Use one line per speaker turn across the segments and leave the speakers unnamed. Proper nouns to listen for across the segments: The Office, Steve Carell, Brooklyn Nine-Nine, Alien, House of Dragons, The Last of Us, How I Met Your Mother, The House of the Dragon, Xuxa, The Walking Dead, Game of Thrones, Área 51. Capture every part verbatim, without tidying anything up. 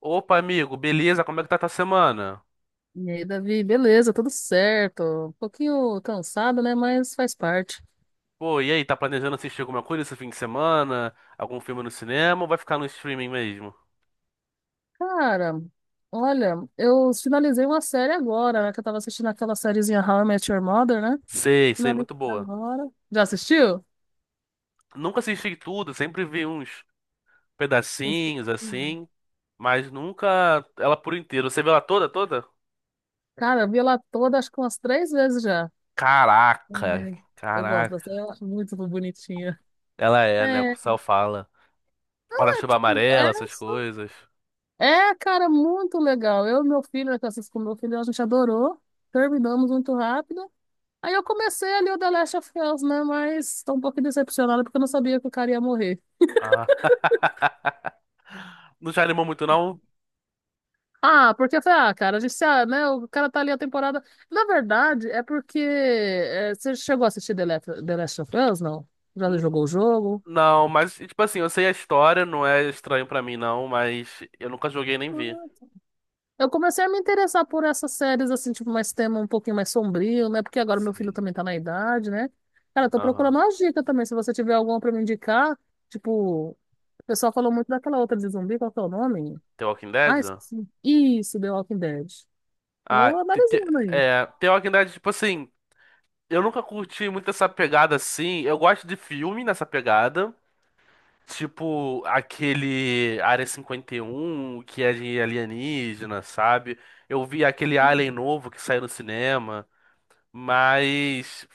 Opa, amigo, beleza? Como é que tá tua semana?
E aí, Davi, beleza, tudo certo. Um pouquinho cansado, né? Mas faz parte.
Pô, e aí, tá planejando assistir alguma coisa esse fim de semana? Algum filme no cinema ou vai ficar no streaming mesmo?
Cara, olha, eu finalizei uma série agora, né? Que eu tava assistindo aquela sériezinha How I Met Your Mother, né?
Sei, sei,
Finalizei
muito boa.
agora. Já assistiu?
Nunca assisti tudo, sempre vi uns pedacinhos assim, mas nunca ela por inteiro. Você viu ela toda, toda?
Cara, eu vi ela toda, acho que umas três vezes já.
Caraca,
Uhum. Eu gosto dessa,
caraca.
eu acho muito bonitinha.
Ela é, né? O
É,
pessoal fala. Guarda-chuva
tipo,
amarela, essas
essa.
coisas.
É, cara, muito legal. Eu e meu filho, né, que eu assisto com meu filho, a gente adorou. Terminamos muito rápido. Aí eu comecei ali o The Last of Us, né? Mas tô um pouquinho decepcionada porque eu não sabia que o cara ia morrer.
Ah. Não te animou muito, não?
Ah, porque eu falei, ah, cara, a gente, ah, né? O cara tá ali a temporada. Na verdade, é porque. É, você chegou a assistir The Last, The Last of Us, não? Já jogou o jogo?
Não, mas, tipo assim, eu sei a história, não é estranho pra mim, não, mas eu nunca joguei nem vi.
Não. Eu comecei a me interessar por essas séries, assim, tipo, mais tema um pouquinho mais sombrio, né? Porque agora meu filho
Sim.
também tá na idade, né? Cara, eu tô
Aham.
procurando uma dica também. Se você tiver alguma pra me indicar, tipo, o pessoal falou muito daquela outra de zumbi, qual que é o nome?
The Walking
Ah,
Dead?
esqueci. Isso, The Walking Dead.
Ah,
Tô
te- te-
analisando aí.
é, The Walking Dead, tipo assim, eu nunca curti muito essa pegada assim. Eu gosto de filme nessa pegada. Tipo, aquele Área cinquenta e um, que é de alienígena, sabe? Eu vi aquele Alien novo que saiu no cinema. Mas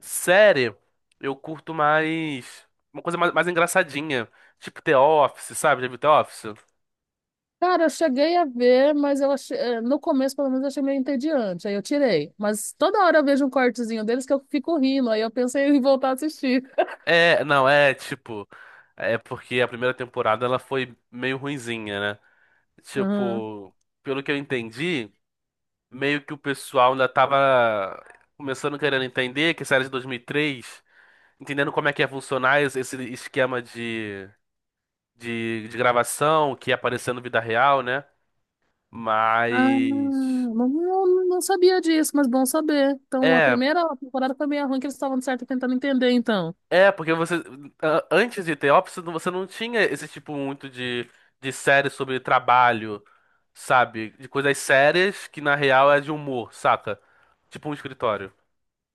série, eu curto mais uma coisa mais, mais engraçadinha, tipo The Office, sabe? Já viu The Office?
Cara, eu cheguei a ver, mas eu achei, eh, no começo, pelo menos, eu achei meio entediante. Aí eu tirei. Mas toda hora eu vejo um cortezinho deles que eu fico rindo. Aí eu pensei em voltar a assistir.
É, não, é tipo, é porque a primeira temporada ela foi meio ruinzinha, né?
Aham.
Tipo, pelo que eu entendi, meio que o pessoal ainda tava começando querendo entender que a série de dois mil e três, entendendo como é que ia funcionar esse esse esquema de, de, de gravação que ia aparecendo na vida real, né?
Ah,
Mas
não, não não sabia disso, mas bom saber. Então, a
é,
primeira temporada foi meio ruim, que eles estavam, de certo, tentando entender, então.
é, porque você. a- Antes de The Office, você não tinha esse tipo muito de, de série sobre trabalho, sabe? De coisas sérias que na real é de humor, saca? Tipo um escritório,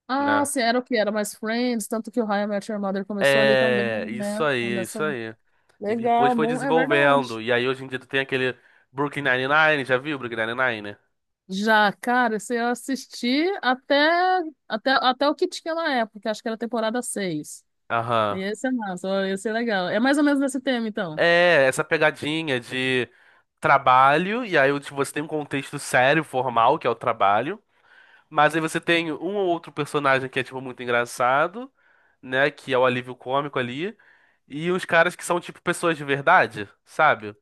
Ah,
né?
sim, era o que? Era mais Friends, tanto que o How I Met Your Mother começou ali também,
É, isso
né?
aí, isso
Nessa...
aí. E depois
Legal,
foi
bom, é verdade.
desenvolvendo. E aí hoje em dia tu tem aquele Brooklyn Nine-Nine, já viu Brooklyn Nine-Nine?
Já, cara, se eu assisti até, até, até o que tinha na época, acho que era a temporada seis. E
Aham.
esse é massa, ó, esse é legal. É mais ou menos nesse tema, então.
É, essa pegadinha de trabalho, e aí tipo, você tem um contexto sério, formal, que é o trabalho. Mas aí você tem um ou outro personagem que é, tipo, muito engraçado, né? Que é o alívio cômico ali. E os caras que são, tipo, pessoas de verdade, sabe?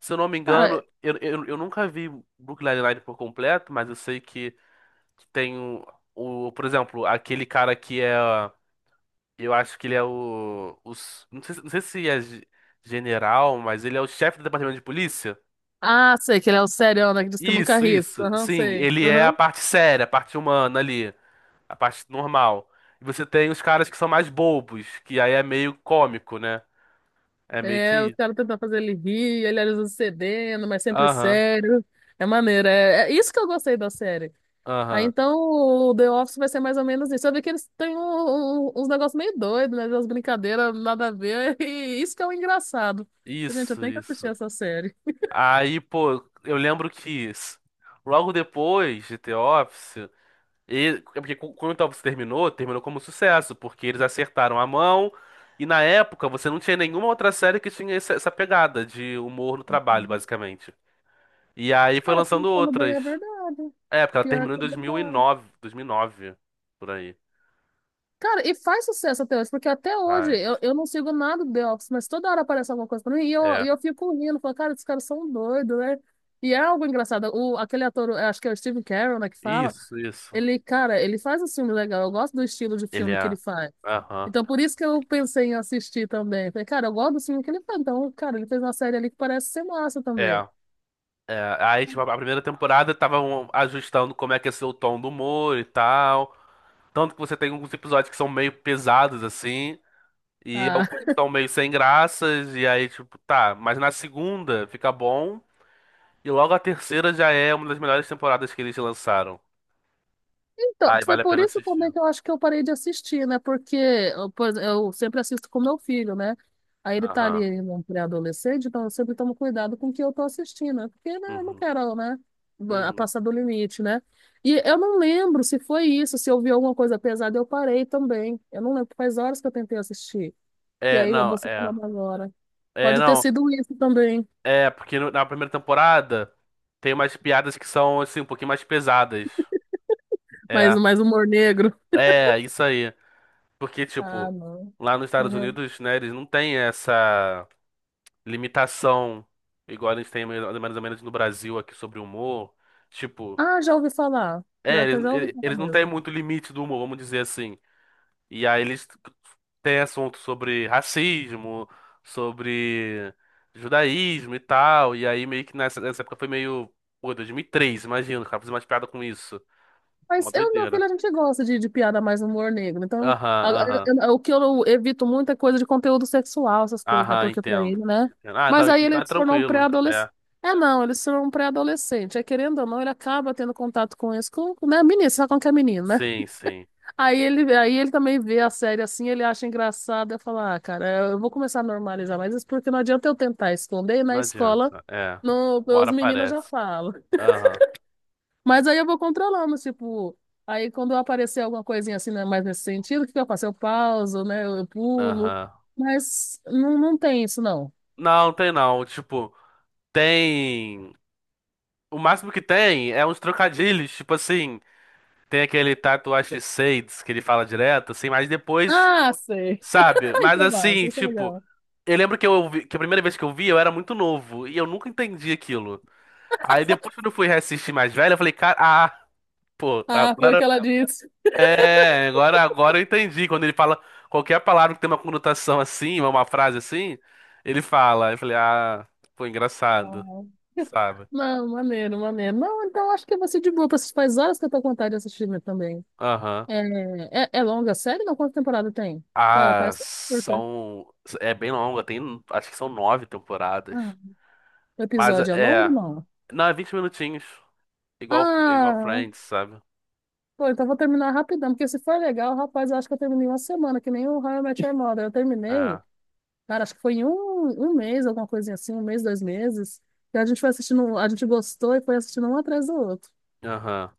Se eu não me engano,
Cara,
eu, eu, eu nunca vi Brooklyn Nine-Nine por completo, mas eu sei que, que tem o, o, por exemplo, aquele cara que é. Eu acho que ele é o. Os, não sei, se- não sei se é ge- general, mas ele é o chefe do departamento de polícia.
ah, sei que ele é o serião, né, que diz que nunca
Isso,
ri.
isso.
Aham,
Sim,
sei.
ele é a
Aham.
parte séria, a parte humana ali. A parte normal. E você tem os caras que são mais bobos, que aí é meio cômico, né? É meio
É, os
que.
caras tentam fazer ele rir, ele às vezes cedendo, mas sempre
Aham,
sério. É maneiro, é, é isso que eu gostei da série. Aí
aham.
então o The Office vai ser mais ou menos isso. Eu vi que eles têm um- um- uns negócios meio doidos, né? Umas brincadeiras, nada a ver. E isso que é o engraçado. Gente, eu
Isso,
tenho que assistir
isso.
essa série.
Aí, pô, eu lembro que s- logo depois de The Office, ele é porque cu- quando o The Office terminou, terminou como sucesso, porque eles acertaram a mão. E na época você não tinha nenhuma outra série que tinha essa essa pegada de humor no trabalho, basicamente. E aí foi
Cara,
lançando
pensando bem,
outras.
é verdade.
É, porque ela
Pior
terminou em
que é verdade.
dois mil e nove, dois mil e nove, por aí.
Cara, e faz sucesso até hoje, porque até hoje
Faz.
eu, eu não sigo nada do The Office, mas toda hora aparece alguma coisa pra mim e eu,
É.
e eu fico rindo, falo, cara, esses caras são doidos, né? E é algo engraçado. O, aquele ator, eu acho que é o Steve Carell, né, que fala,
Isso, isso.
ele, cara, ele faz um filme legal, eu gosto do estilo de
Ele
filme que ele
é.
faz.
Aham.
Então, por isso que eu pensei em assistir também. Falei, cara, eu gosto do filme que ele faz. Então, cara, ele fez uma série ali que parece ser massa também.
É. É. Aí, tipo, a primeira temporada estavam ajustando como é que ia ser o tom do humor e tal. Tanto que você tem alguns episódios que são meio pesados, assim, e
ah
alguns que são meio sem graças, e aí, tipo, tá. Mas na segunda fica bom, e logo a terceira já é uma das melhores temporadas que eles lançaram.
Então,
Aí
foi
vale a
por
pena
isso
assistir.
também que eu acho que eu parei de assistir, né? Porque eu, por exe- eu sempre assisto com meu filho, né? Aí ele tá
Aham.
ali no pré-adolescente, então eu sempre tomo cuidado com o que eu tô assistindo, né? Porque né, eu não
Uhum.
quero, né? ba-
Uhum.
Passar do limite, né? E eu não lembro se foi isso, se eu vi alguma coisa pesada, eu parei também. Eu não lembro, faz horas que eu tentei assistir. E
É,
aí
não,
você
é.
falando agora.
É,
Pode ter
não.
sido isso também,
É, porque no- na primeira temporada tem umas piadas que são, assim, um pouquinho mais pesadas.
mas
É,
mais humor negro.
é, isso aí. Porque,
Ah,
tipo,
não.
lá nos Estados
Uhum.
Unidos, né, eles não têm essa limitação igual a gente tem mais mais ou menos no Brasil aqui sobre o humor. Tipo,
Ah, já ouvi falar.
é,
Pior que eu
eles,
já ouvi
eles
falar
eles não têm
mesmo.
muito limite do humor, vamos dizer assim. E aí eles têm assunto sobre racismo, sobre judaísmo e tal. E aí meio que nessa, nessa época foi meio. Pô, dois mil e três, imagina, o cara fazer mais piada com isso. Uma
Mas eu, e meu
doideira.
filho, a gente gosta de, de piada mais humor negro. Então,
Aham,
a- a-
aham.
eu- o que eu evito muito é coisa de conteúdo sexual, essas coisas, né?
Aham,
Porque pra
entendo.
ele, né?
Entendo. Ah, não,
Mas aí
então é
ele se tornou um
tranquilo.
pré-adolescente.
É.
É, não, ele se tornou um pré-adolescente. É, querendo ou não, ele acaba tendo contato com isso, com, né? Menino, sabe com que é menino, né?
Sim, sim.
Aí ele, aí ele também vê a série assim, ele acha engraçado. Eu falo, ah, cara, eu vou começar a normalizar mas isso, porque não adianta eu tentar esconder e na
Não
escola,
adianta. É.
no,
Uma hora
os meninos já
aparece.
falam.
Aham,
Mas aí eu vou controlando, tipo, aí quando aparecer alguma coisinha assim, né, mais nesse sentido, o que que eu faço? Eu pauso, né? Eu pulo.
aham.
Mas não, não tem isso, não.
Não, tem não. Tipo, tem. O máximo que tem é uns trocadilhos, tipo assim. Tem aquele Tatuagem de Shades que ele fala direto, assim, mas depois,
Ah, sei.
sabe?
Ai,
Mas
que
assim,
massa, isso é
tipo,
legal.
eu lembro que eu ouvi- que a primeira vez que eu vi, eu era muito novo e eu nunca entendi aquilo. Aí depois, quando eu fui reassistir mais velho, eu falei, cara, ah, pô,
Ah, foi o
agora
que ela disse.
é, agora, agora eu entendi. Quando ele fala qualquer palavra que tem uma conotação assim, uma frase assim, ele fala. Eu falei, ah, pô, engraçado,
Ah,
sabe?
não, maneiro, maneiro. Não, então acho que vai ser de boa pra assistir. Faz horas que eu tô com vontade de assistir mesmo também.
Aham.
É, é, é longa a série? Não, quantas temporadas tem? Ah,
Ah,
parece curta.
são. É bem longa, tem. Acho que são nove temporadas.
Ah, o
Mas
episódio é longo,
é.
não?
Não, é vinte minutinhos. Igual, igual
Ah,
Friends, sabe?
pô, então vou terminar rapidão, porque se for legal, rapaz, eu acho que eu terminei uma semana, que nem o How I Met Your Mother. Eu terminei,
É.
cara, acho que foi em um, um mês, alguma coisinha assim, um mês, dois meses. E a gente foi assistindo, um, a gente gostou e foi assistindo um atrás do outro.
Aham.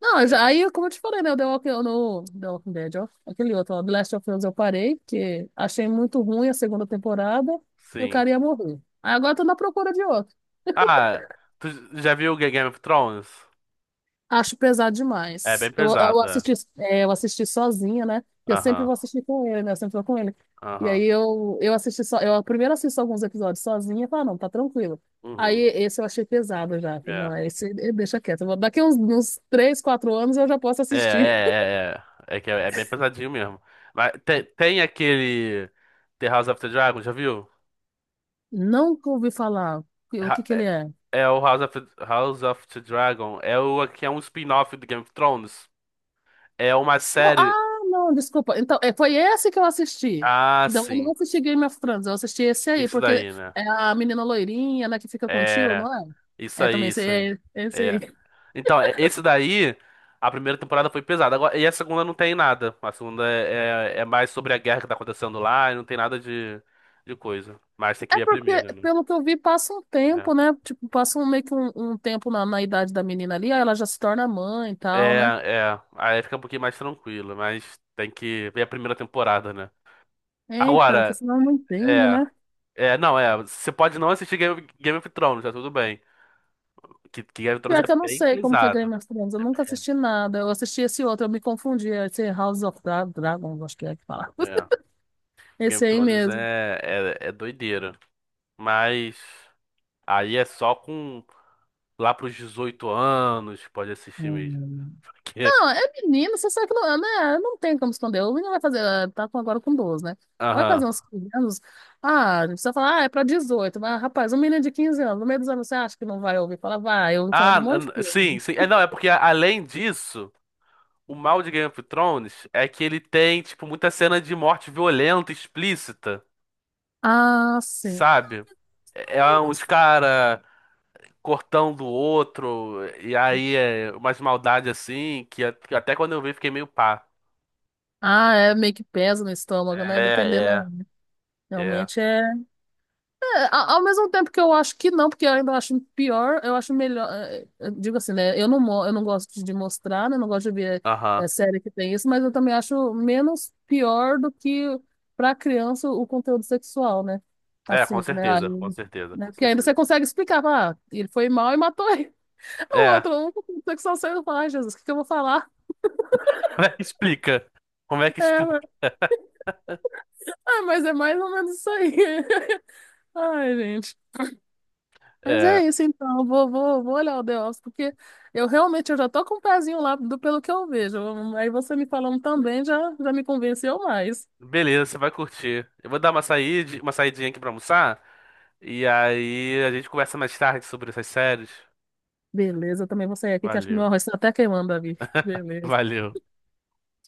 Não, eu
É,
já, aí, como eu te falei, né, o The Walking, no, The Walking Dead, ó, aquele outro, ó, The Last of Us, eu parei, porque achei muito ruim a segunda temporada e o
sim.
cara ia morrer. Aí agora eu tô na procura de outro.
Ah, tu já viu Ga- Game of Thrones?
Acho pesado
É
demais.
bem
Eu, eu
pesada.
assisti, é, eu assisti sozinha, né? Eu sempre
Aham.
vou assistir com ele, né? Eu sempre vou com ele. E
Aham.
aí eu, eu assisti só, eu primeiro assisto alguns episódios sozinha e falo, "Ah, não, tá tranquilo. Aí
Uhum.
esse eu achei pesado já. Falei,
É.
não, é esse eh, deixa quieto. Eu vou- Daqui uns, uns três quatro anos eu já posso
É, é,
assistir.
é, é. É que é, é bem pesadinho mesmo. Mas tem, tem aquele The House of the Dragon, já viu?
Não ouvi falar o que o que
Ha-
que ele
É,
é.
é o House of, House of the Dragon. É o que é um spin-off do Game of Thrones. É uma série.
Ah, não, desculpa. Então, é, foi esse que eu assisti.
Ah,
Então, eu não
sim.
assisti Game of Thrones, eu assisti esse aí,
Isso
porque
daí, né?
é a menina loirinha, né, que fica com o tio,
É,
não é?
isso
É também
aí,
esse,
isso aí.
é, esse aí.
É. Então, é- esse daí, a primeira temporada foi pesada. Agora, e a segunda não tem nada. A segunda é, é, é mais sobre a guerra que tá acontecendo lá e não tem nada de, de coisa. Mas tem que
É
ver a
porque,
primeira, né?
pelo que eu vi, passa um
É.
tempo, né? Tipo, passa um, meio que um, um tempo na, na idade da menina ali, aí ela já se torna mãe e
É,
tal, né?
é. Aí fica um pouquinho mais tranquilo, mas tem que ver a primeira temporada, né?
É, então, que
Agora,
senão não entende,
é.
né?
É, não, é. Você pode não assistir Game, Game of Thrones, tá tudo bem. Que, que Game of Thrones
Pior que eu
é
não
bem
sei como que é
pesado.
Game of Thrones, eu nunca assisti nada. Eu assisti esse outro, eu me confundi, esse House of Dra- Dragons, acho que é que fala.
É. Game
Esse
of
aí
Thrones
mesmo.
é, é, é doideira. Mas aí é só com lá pros dezoito anos que pode assistir mesmo. Porque,
Não, é menino, você sabe que não, né, não tem como esconder. O menino vai fazer, ah, tá com- agora com doze, né? Vai
aham.
fazer uns quinze anos. Ah, não precisa falar, ah, é pra dezoito, mas, rapaz, um menino de quinze anos, no meio dos anos, você acha que não vai ouvir? Fala, vai, eu ouvi falar de
Ah,
um monte de
n- sim,
coisa.
sim. É, não, é porque a- além disso, o mal de Game of Thrones é que ele tem, tipo, muita cena de morte violenta, explícita,
Ah, sim. Ah,
sabe? É é
eu não
uns
sei.
cara cortando o outro, e aí é umas maldades assim, que a- que até quando eu vi fiquei meio pá.
Ah, é meio que pesa no estômago, né? Dependendo.
É, é, é.
Realmente é. É, a- ao mesmo tempo que eu acho que não, porque eu ainda acho pior, eu acho melhor. é, é, eu digo assim, né? Eu não, mo- eu não gosto de mostrar, né? Eu não gosto de ver
Aham.
é, série que tem isso, mas eu também acho menos pior do que para criança o conteúdo sexual, né?
É,
Assim,
com
né? Aí,
certeza, com certeza,
né?
com
Porque ainda
certeza.
você consegue explicar, fala, ah, ele foi mal e matou ele. O
É.
outro, "Hum, o conteúdo sexual saiu, fala, ai, Jesus, o que que eu vou falar?
Como é que explica? Como é que
É,
explica?
ah, mas é mais ou menos isso aí. Ai, gente. Mas
É,
é isso então, eu vou, vou, vou olhar o The Office, porque eu realmente eu já tô com o pezinho lá do pelo que eu vejo. Aí você me falando também já, já me convenceu mais.
beleza, você vai curtir. Eu vou dar uma saída, uma saidinha aqui pra almoçar. E aí a gente conversa mais tarde sobre essas séries.
Beleza, eu também vou sair aqui, que acho que meu
Valeu.
arroz está até queimando ali. Beleza.
Valeu.